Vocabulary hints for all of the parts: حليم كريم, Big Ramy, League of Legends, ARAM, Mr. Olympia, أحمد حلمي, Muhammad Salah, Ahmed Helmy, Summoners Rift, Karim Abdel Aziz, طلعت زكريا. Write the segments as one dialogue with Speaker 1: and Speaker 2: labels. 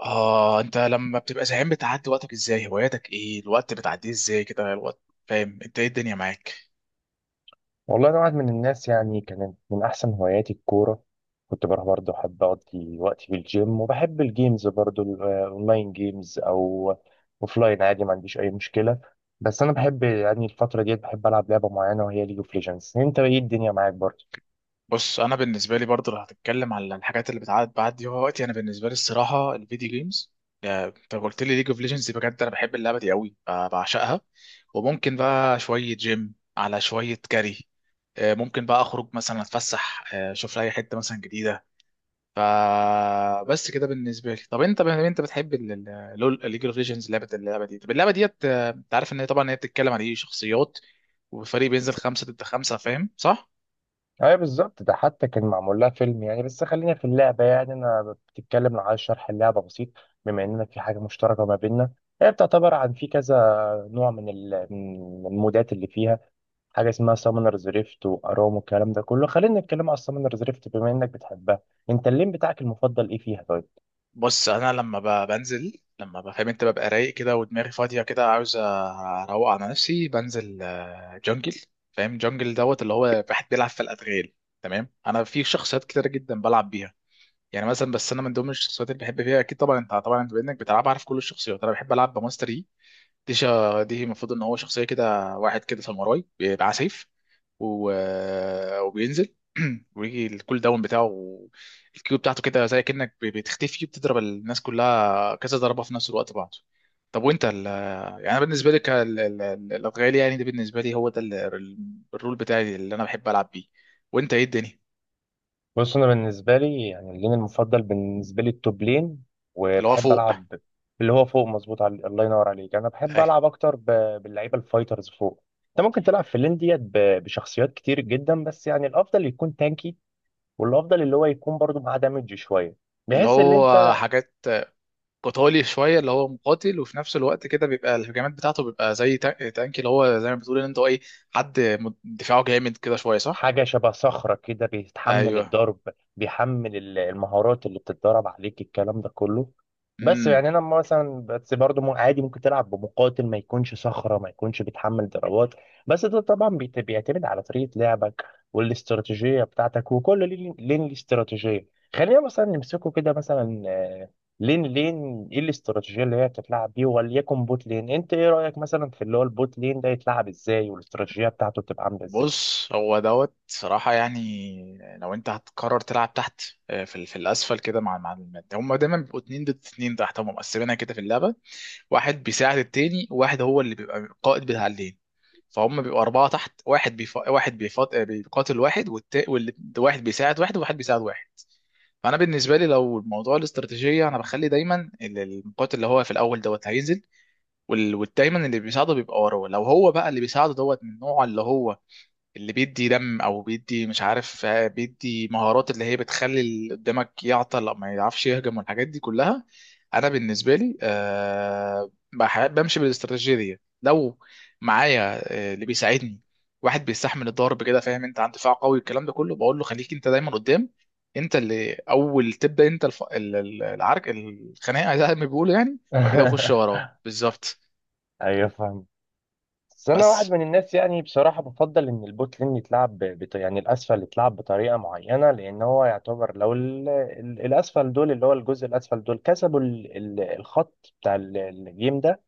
Speaker 1: اه، انت لما بتبقى زهقان بتعدي وقتك ازاي؟ هواياتك ايه؟ الوقت بتعديه ازاي كده الوقت؟ فاهم انت ايه الدنيا معاك؟
Speaker 2: والله أنا واحد من الناس، يعني كانت من أحسن هواياتي الكورة. كنت بروح برضه، أحب أقضي وقتي في الجيم وبحب الجيمز برضه، الأونلاين جيمز أو أوفلاين، عادي ما عنديش أي مشكلة. بس أنا بحب يعني الفترة ديت بحب ألعب لعبة معينة، وهي ليج أوف ليجندز. أنت إيه الدنيا معاك برضه؟
Speaker 1: بص، انا بالنسبه لي برضه لو هتتكلم على الحاجات اللي بتعدي بعدي وقتي، انا بالنسبه لي الصراحه الفيديو جيمز. انت قلت لي ليج اوف ليجندز، بجد انا بحب اللعبه دي قوي، بعشقها. وممكن بقى شويه جيم على شويه كاري. ممكن بقى اخرج مثلا اتفسح، اشوف لي حته مثلا جديده. فبس كده بالنسبه لي. طب انت بتحب لول؟ ليج اوف ليجندز لعبه، اللعبه دي، طب اللعبه ديت انت عارف ان هي طبعا هي بتتكلم عن ايه، شخصيات وفريق بينزل خمسه ضد خمسه، فاهم صح؟
Speaker 2: أيوه بالظبط، ده حتى كان معمول لها فيلم يعني. بس خلينا في اللعبة، يعني أنا بتتكلم لو عايز شرح اللعبة بسيط، بما إننا في حاجة مشتركة ما بيننا. هي بتعتبر عن في كذا نوع من من المودات اللي فيها حاجه اسمها سامونرز ريفت وارام والكلام ده كله. خلينا نتكلم على السامونرز ريفت بما انك بتحبها. انت اللين بتاعك المفضل ايه فيها؟ طيب،
Speaker 1: بص انا لما بنزل، لما بفهم انت، ببقى رايق كده ودماغي فاضيه كده، عاوز اروق على نفسي، بنزل جنجل. فاهم؟ جنجل دوت، اللي هو واحد بيلعب في الادغال. تمام. انا في شخصيات كتيره جدا بلعب بيها. يعني مثلا، بس انا من ضمن الشخصيات اللي بحب فيها، اكيد طبعا انت طبعا بانك بتلعب عارف كل الشخصيات، انا بحب العب بماستر يي. دي المفروض ان هو شخصيه كده، واحد كده ساموراي، بيبقى سيف و... وبينزل ويجي الكول داون بتاعه. الكيو بتاعته كده زي كأنك بتختفي، بتضرب الناس كلها كذا ضربة في نفس الوقت بعض. طب وانت يعني، أنا بالنسبة لك الأدغال، يعني ده بالنسبة لي هو ده الرول بتاعي اللي انا بحب العب بيه. وانت ايه الدنيا؟
Speaker 2: بص انا بالنسبه لي يعني اللين المفضل بالنسبه لي التوب لين،
Speaker 1: اللي هو
Speaker 2: وبحب
Speaker 1: فوق.
Speaker 2: العب اللي هو فوق، مظبوط، على الله ينور عليك. انا بحب
Speaker 1: اي.
Speaker 2: العب اكتر باللعيبه الفايترز فوق. انت ممكن تلعب في اللين ديت بشخصيات كتير جدا، بس يعني الافضل يكون تانكي، والافضل اللي هو يكون برضه معاه دامج شويه،
Speaker 1: اللي
Speaker 2: بحيث ان
Speaker 1: هو
Speaker 2: انت
Speaker 1: حاجات قتالي شويه، اللي هو مقاتل وفي نفس الوقت كده بيبقى الهجمات بتاعته بيبقى زي تانك، اللي هو زي ما بتقول ان انت ايه، حد دفاعه جامد كده شويه، صح؟
Speaker 2: حاجة شبه صخرة كده بيتحمل
Speaker 1: ايوه.
Speaker 2: الضرب، بيحمل المهارات اللي بتتدرب عليك، الكلام ده كله. بس
Speaker 1: امم.
Speaker 2: يعني انا مثلا بس برضه عادي ممكن تلعب بمقاتل ما يكونش صخرة، ما يكونش بيتحمل ضربات. بس ده طبعا بيعتمد على طريقة لعبك والاستراتيجية بتاعتك، وكل لين ليه استراتيجية. خلينا مثلا نمسكه كده مثلا، لين ايه الاستراتيجية اللي هي بتتلعب بيه، وليكن بوت لين. انت ايه رأيك مثلا في اللي هو البوت لين ده يتلعب ازاي، والاستراتيجية بتاعته بتبقى عاملة ازاي؟
Speaker 1: بص هو دوت صراحه يعني، لو انت هتقرر تلعب تحت في في الاسفل كده، مع هم دايما بيبقوا اتنين ضد اتنين تحت، هم مقسمينها كده في اللعبه، واحد بيساعد التاني، وواحد هو اللي بيبقى القائد بتاع الليل. فهم بيبقوا أربعة تحت، واحد واحد بيقاتل واحد، والواحد بيساعد واحد، وواحد بيساعد واحد. فأنا بالنسبة لي لو الموضوع الاستراتيجية، أنا بخلي دايما المقاتل اللي هو في الأول دوت هينزل، ودايما اللي بيساعده بيبقى وراه. لو هو بقى اللي بيساعده دوت من النوع اللي هو اللي بيدي دم، او بيدي مش عارف بيدي مهارات اللي هي بتخلي اللي قدامك يعطل او ما يعرفش يهجم والحاجات دي كلها، انا بالنسبه لي أه بمشي بالاستراتيجيه دي. لو معايا اللي بيساعدني واحد بيستحمل الضرب كده، فاهم انت، عند دفاع قوي الكلام ده كله، بقول له خليك انت دايما قدام، انت اللي اول تبدا انت العرك، الخناقه زي ما بيقولوا يعني، وبعد كده اخش وراه بالظبط.
Speaker 2: ايوه فاهم. بس انا واحد
Speaker 1: بس.
Speaker 2: من الناس يعني بصراحه بفضل ان البوت لين يتلعب يعني الاسفل يتلعب بطريقه معينه، لان هو يعتبر لو الاسفل دول، اللي هو الجزء الاسفل دول، كسبوا الخط بتاع الجيم ده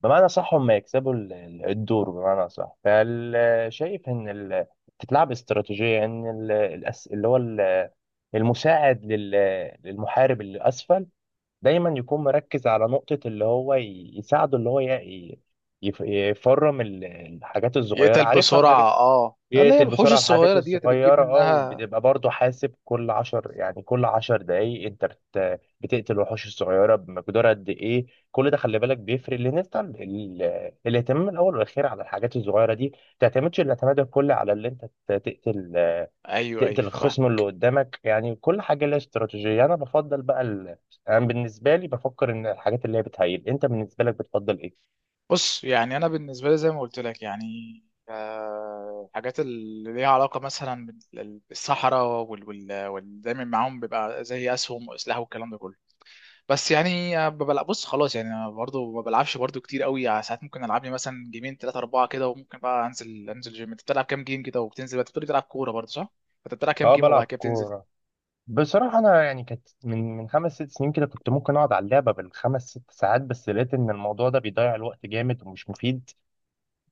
Speaker 2: بمعنى صح، هم يكسبوا الدور بمعنى صح. فشايف ان تتلعب استراتيجيه ان اللي هو المساعد للمحارب اللي اسفل دايما يكون مركز على نقطة اللي هو يساعده، اللي هو يفرم الحاجات الصغيرة،
Speaker 1: يقتل
Speaker 2: عارفها
Speaker 1: بسرعة،
Speaker 2: الحاجات،
Speaker 1: اه، اللي هي
Speaker 2: يقتل
Speaker 1: الوحوش
Speaker 2: بسرعة الحاجات
Speaker 1: الصغيرة ديت اللي بيجيب
Speaker 2: الصغيرة. اه،
Speaker 1: منها.
Speaker 2: وبتبقى برضه حاسب كل عشر يعني كل عشر دقايق انت بتقتل الوحوش الصغيرة بمقدار قد ايه. كل ده خلي بالك بيفرق، لان انت الاهتمام الاول والاخير على الحاجات الصغيرة دي، ما تعتمدش الاعتماد الكلي على اللي انت تقتل،
Speaker 1: ايوه ايوه
Speaker 2: تقتل
Speaker 1: فاهم.
Speaker 2: الخصم اللي قدامك. يعني كل حاجة لها استراتيجية. يعني أنا بفضل بقى أنا بالنسبة لي بفكر إن الحاجات اللي هي بتهيل. أنت بالنسبة لك بتفضل إيه؟
Speaker 1: بص يعني انا بالنسبة لي زي ما قلت لك يعني الحاجات اللي ليها علاقة مثلا بالصحراء وال وال وال- دايما معاهم بيبقى زي اسهم واسلحه والكلام ده كله. بس يعني ببلع، بص خلاص يعني انا برضه ما بلعبش برضه كتير قوي، يعني ساعات ممكن العب لي مثلا جيمين ثلاثة أربعة كده، وممكن بقى انزل جيم. انت بتلعب كام جيم كده وبتنزل بقى؟ بتقولي بتلعب كورة برضه صح؟ انت بتلعب كام
Speaker 2: أه
Speaker 1: جيم وبعد
Speaker 2: بلعب
Speaker 1: كده بتنزل؟
Speaker 2: كورة. بصراحة أنا يعني كانت من خمس ست سنين كده كنت ممكن أقعد على اللعبة بالخمس ست ساعات، بس لقيت إن الموضوع ده بيضيع الوقت جامد ومش مفيد.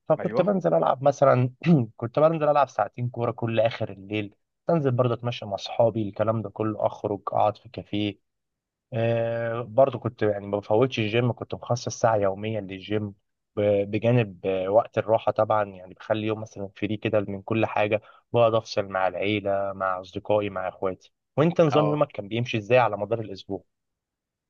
Speaker 2: فكنت
Speaker 1: ايوه.
Speaker 2: بنزل ألعب مثلا، كنت بنزل ألعب ساعتين كورة كل آخر الليل، أنزل برضه أتمشى مع أصحابي الكلام ده كله، أخرج أقعد في كافيه. آه برضو كنت يعني ما بفوتش الجيم، كنت مخصص ساعة يوميا للجيم، بجانب وقت الراحة طبعا. يعني بخلي يوم مثلا فري كده من كل حاجة، بقعد أفصل مع العيلة مع أصدقائي مع إخواتي. وأنت نظام
Speaker 1: اه.
Speaker 2: يومك كان بيمشي إزاي على مدار الأسبوع؟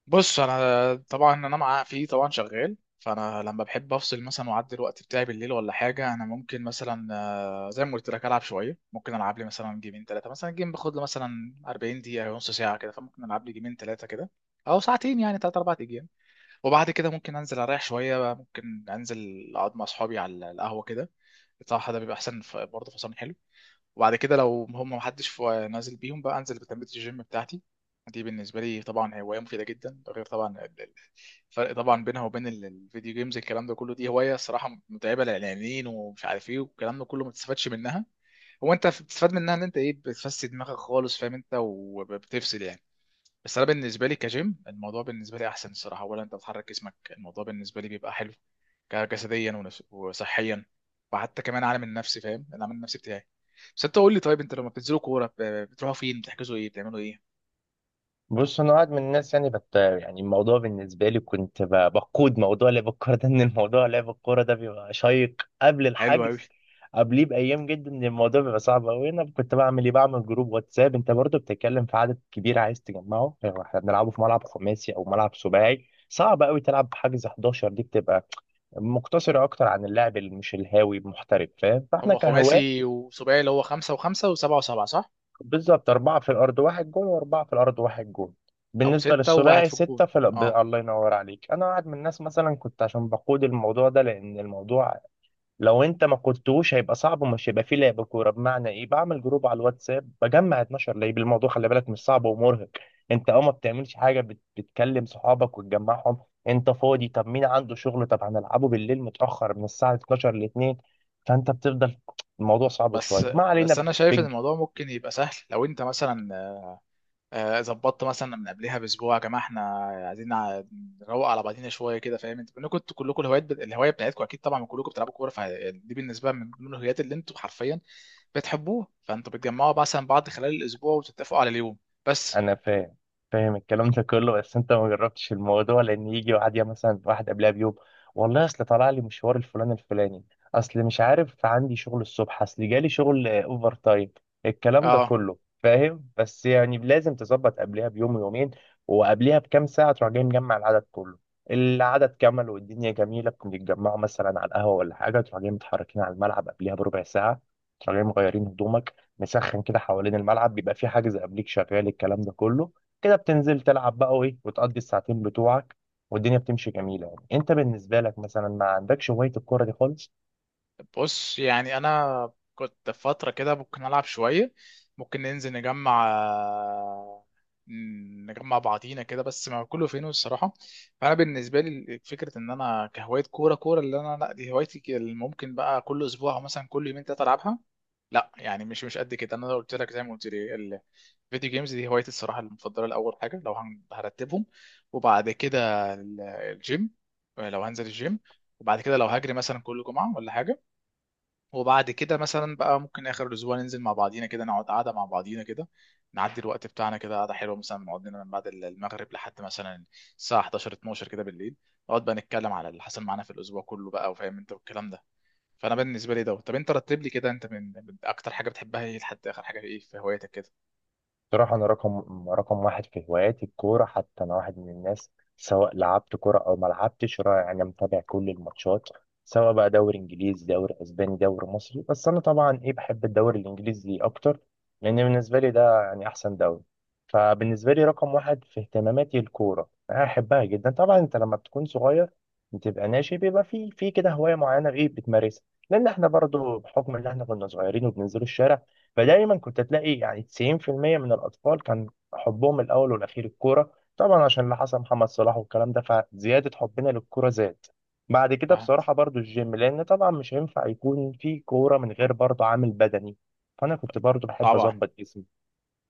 Speaker 1: بص انا طبعا انا مع فيه طبعا شغال، فانا لما بحب افصل مثلا واعدي الوقت بتاعي بالليل ولا حاجه، انا ممكن مثلا زي ما قلت لك العب شويه، ممكن العب لي مثلا جيمين ثلاثه، مثلا جيم باخد له مثلا 40 دقيقه أو نص ساعه كده، فممكن العب لي جيمين ثلاثه كده او ساعتين يعني ثلاث اربع ايام. وبعد كده ممكن انزل اريح شويه بقى، ممكن انزل اقعد مع اصحابي على القهوه كده، بصراحه ده بيبقى احسن، برضه فصلني. وبعد كده لو هم محدش نازل بيهم بقى انزل بتمرين الجيم بتاعتي. دي بالنسبه لي طبعا هوايه مفيده جدا، ده غير طبعا الفرق طبعا بينها وبين الفيديو جيمز الكلام ده كله. دي هوايه الصراحه متعبه للاعلانيين ومش عارف ايه والكلام ده كله، ما بتستفادش منها. هو انت بتستفاد منها ان انت ايه، بتفسد دماغك خالص، فاهم انت، وبتفصل يعني. بس انا بالنسبه لي كجيم، الموضوع بالنسبه لي احسن الصراحه، ولا انت بتحرك جسمك، الموضوع بالنسبه لي بيبقى حلو جسديا وصحيا، وحتى كمان عالم النفس، فاهم العالم النفسي بتاعي. بس انت قول لي، طيب انت لما بتنزلوا كوره بتروحوا فين، بتحجزوا ايه، بتعملوا ايه؟
Speaker 2: بص انا واحد من الناس يعني بت يعني الموضوع بالنسبه لي كنت بقود موضوع لعب الكوره ده، ان الموضوع لعب الكوره ده بيبقى شيق قبل
Speaker 1: حلو قوي.
Speaker 2: الحجز، قبليه بايام جدا، ان الموضوع بيبقى صعب قوي. انا كنت بعمل ايه؟ بعمل جروب واتساب. انت برضو بتتكلم في عدد كبير عايز تجمعه، يعني احنا بنلعبه في ملعب خماسي او ملعب سباعي، صعب قوي تلعب حجز 11، دي بتبقى مقتصره اكتر عن اللاعب اللي مش الهاوي، محترف، فاهم؟ فاحنا
Speaker 1: هم
Speaker 2: كهواه
Speaker 1: خماسي وسباعي، اللي هو خمسة وخمسة وسبعة وسبعة، صح؟
Speaker 2: بالظبط أربعة في الأرض واحد جون، وأربعة في الأرض واحد جون.
Speaker 1: او
Speaker 2: بالنسبة
Speaker 1: ستة وواحد
Speaker 2: للثنائي
Speaker 1: في
Speaker 2: ستة
Speaker 1: الجون.
Speaker 2: في الأرض.
Speaker 1: اه.
Speaker 2: الله ينور عليك. أنا واحد من الناس مثلا كنت عشان بقود الموضوع ده، لأن الموضوع لو أنت ما قودتوش هيبقى صعب ومش هيبقى فيه لعب كورة. بمعنى إيه؟ بعمل جروب على الواتساب بجمع 12 لعيب. الموضوع خلي بالك مش صعب ومرهق. أنت أه ما بتعملش حاجة، بتكلم صحابك وتجمعهم. أنت فاضي؟ طب مين عنده شغل؟ طب هنلعبه بالليل متأخر من الساعة 12 ل 2. فأنت بتفضل. الموضوع صعب
Speaker 1: بس.
Speaker 2: شوية، ما
Speaker 1: بس
Speaker 2: علينا.
Speaker 1: انا شايف ان الموضوع ممكن يبقى سهل، لو انت مثلا ظبطت مثلا من قبلها باسبوع، يا جماعه احنا عايزين نروق على بعضينا شويه كده، فاهم. انتوا انكم كلكم الهوايات، الهوايه بتاعتكم اكيد طبعا كلكم بتلعبوا كوره، فدي بالنسبه من ضمن الهوايات اللي انتوا حرفيا بتحبوه، فانتوا بتجمعوا مثلا بعض خلال الاسبوع وتتفقوا على اليوم. بس.
Speaker 2: انا فاهم، فاهم الكلام ده كله. بس انت ما جربتش الموضوع، لان يجي واحد، يا مثلا واحد قبلها بيوم، والله اصل طلع لي مشوار الفلان الفلاني، اصل مش عارف عندي شغل الصبح، اصل جالي شغل اوفر تايم، الكلام ده
Speaker 1: اه.
Speaker 2: كله، فاهم؟ بس يعني لازم تظبط قبلها بيوم ويومين، وقبلها بكام ساعة تروح جاي مجمع العدد كله. العدد كمل والدنيا جميلة، بنتجمعوا مثلا على القهوة ولا حاجة، تروح جاي متحركين على الملعب قبلها بربع ساعة، تروح جاي مغيرين هدومك، مسخن كده حوالين الملعب، بيبقى في حاجز قبليك شغال الكلام ده كله، كده بتنزل تلعب بقى، وايه، وتقضي الساعتين بتوعك، والدنيا بتمشي جميله. يعني انت بالنسبه لك مثلا ما عندكش هوايه الكوره دي خالص؟
Speaker 1: بص يعني انا كنت في فتره كده ممكن العب شويه، ممكن ننزل نجمع نجمع بعضينا كده، بس ما كله فين الصراحه. فانا بالنسبه لي فكره ان انا كهوايه كوره كوره اللي انا، لا دي هوايتي اللي ممكن بقى كل اسبوع او مثلا كل يومين ثلاثه العبها، لا يعني مش قد كده. انا لو قلت لك زي ما قلت لي الفيديو جيمز دي هوايتي الصراحه المفضله لاول حاجه، لو هرتبهم، وبعد كده الجيم، لو هنزل الجيم، وبعد كده لو هجري مثلا كل جمعه ولا حاجه، وبعد كده مثلا بقى ممكن اخر الاسبوع ننزل مع بعضينا كده، نقعد قعده مع بعضينا كده، نعدي الوقت بتاعنا كده، قعده حلوه مثلا نقعد لنا من بعد المغرب لحد مثلا الساعه 11 12 كده بالليل، نقعد بقى نتكلم على اللي حصل معانا في الاسبوع كله بقى، وفاهم انت والكلام ده. فانا بالنسبه لي ده. طب انت رتب لي كده انت، من اكتر حاجه بتحبها ايه لحد اخر حاجه ايه في هوايتك كده؟
Speaker 2: بصراحة أنا رقم واحد في هواياتي الكورة. حتى أنا واحد من الناس سواء لعبت كورة أو ما لعبتش أنا متابع كل الماتشات، سواء بقى دوري إنجليزي دوري أسباني دوري مصري. بس أنا طبعا إيه، بحب الدوري الإنجليزي أكتر، لأن بالنسبة لي ده يعني أحسن دوري. فبالنسبة لي رقم واحد في اهتماماتي الكورة، أنا أحبها جدا. طبعا أنت لما بتكون صغير بتبقى ناشئ، بيبقى في كده هواية معينة إيه بتمارسها، لأن إحنا برضو بحكم إن إحنا كنا صغيرين وبننزلوا الشارع، فدايما كنت تلاقي يعني 90% من الأطفال كان حبهم الأول والأخير الكورة. طبعا عشان اللي حصل محمد صلاح والكلام ده، فزيادة حبنا للكورة زاد. بعد كده
Speaker 1: فاهم.
Speaker 2: بصراحة برضو الجيم، لأن طبعا مش هينفع يكون في كورة من غير برضو عامل بدني، فأنا كنت برضو بحب
Speaker 1: طبعا.
Speaker 2: أظبط جسمي،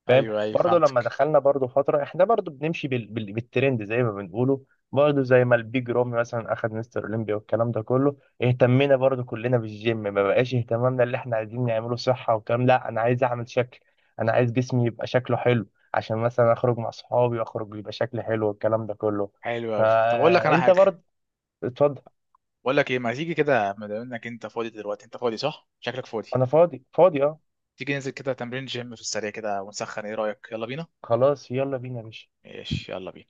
Speaker 2: فاهم؟
Speaker 1: ايوه ايوه
Speaker 2: برضه لما
Speaker 1: فهمتك.
Speaker 2: دخلنا برضه فتره احنا برضه بنمشي بالترند زي ما بنقوله، برضه زي ما البيج رامي مثلا اخذ مستر اولمبيا والكلام ده كله، اهتمينا برضه كلنا بالجيم، ما بقاش اهتمامنا اللي احنا عايزين نعمله صحه والكلام، لا انا عايز اعمل شكل، انا عايز جسمي يبقى شكله حلو عشان مثلا اخرج مع صحابي واخرج يبقى شكلي حلو والكلام ده كله.
Speaker 1: حلو قوي، طب اقول لك انا
Speaker 2: فانت
Speaker 1: حاجه.
Speaker 2: برضه، اتفضل.
Speaker 1: بقول لك ايه، ما تيجي كده ما دام انك انت فاضي دلوقتي، انت فاضي صح؟ شكلك فاضي.
Speaker 2: انا فاضي، فاضي، اه.
Speaker 1: تيجي ننزل كده تمرين جيم في السريع كده ونسخن، ايه رأيك، يلا بينا.
Speaker 2: خلاص يلا بينا يا باشا.
Speaker 1: ماشي، يلا بينا.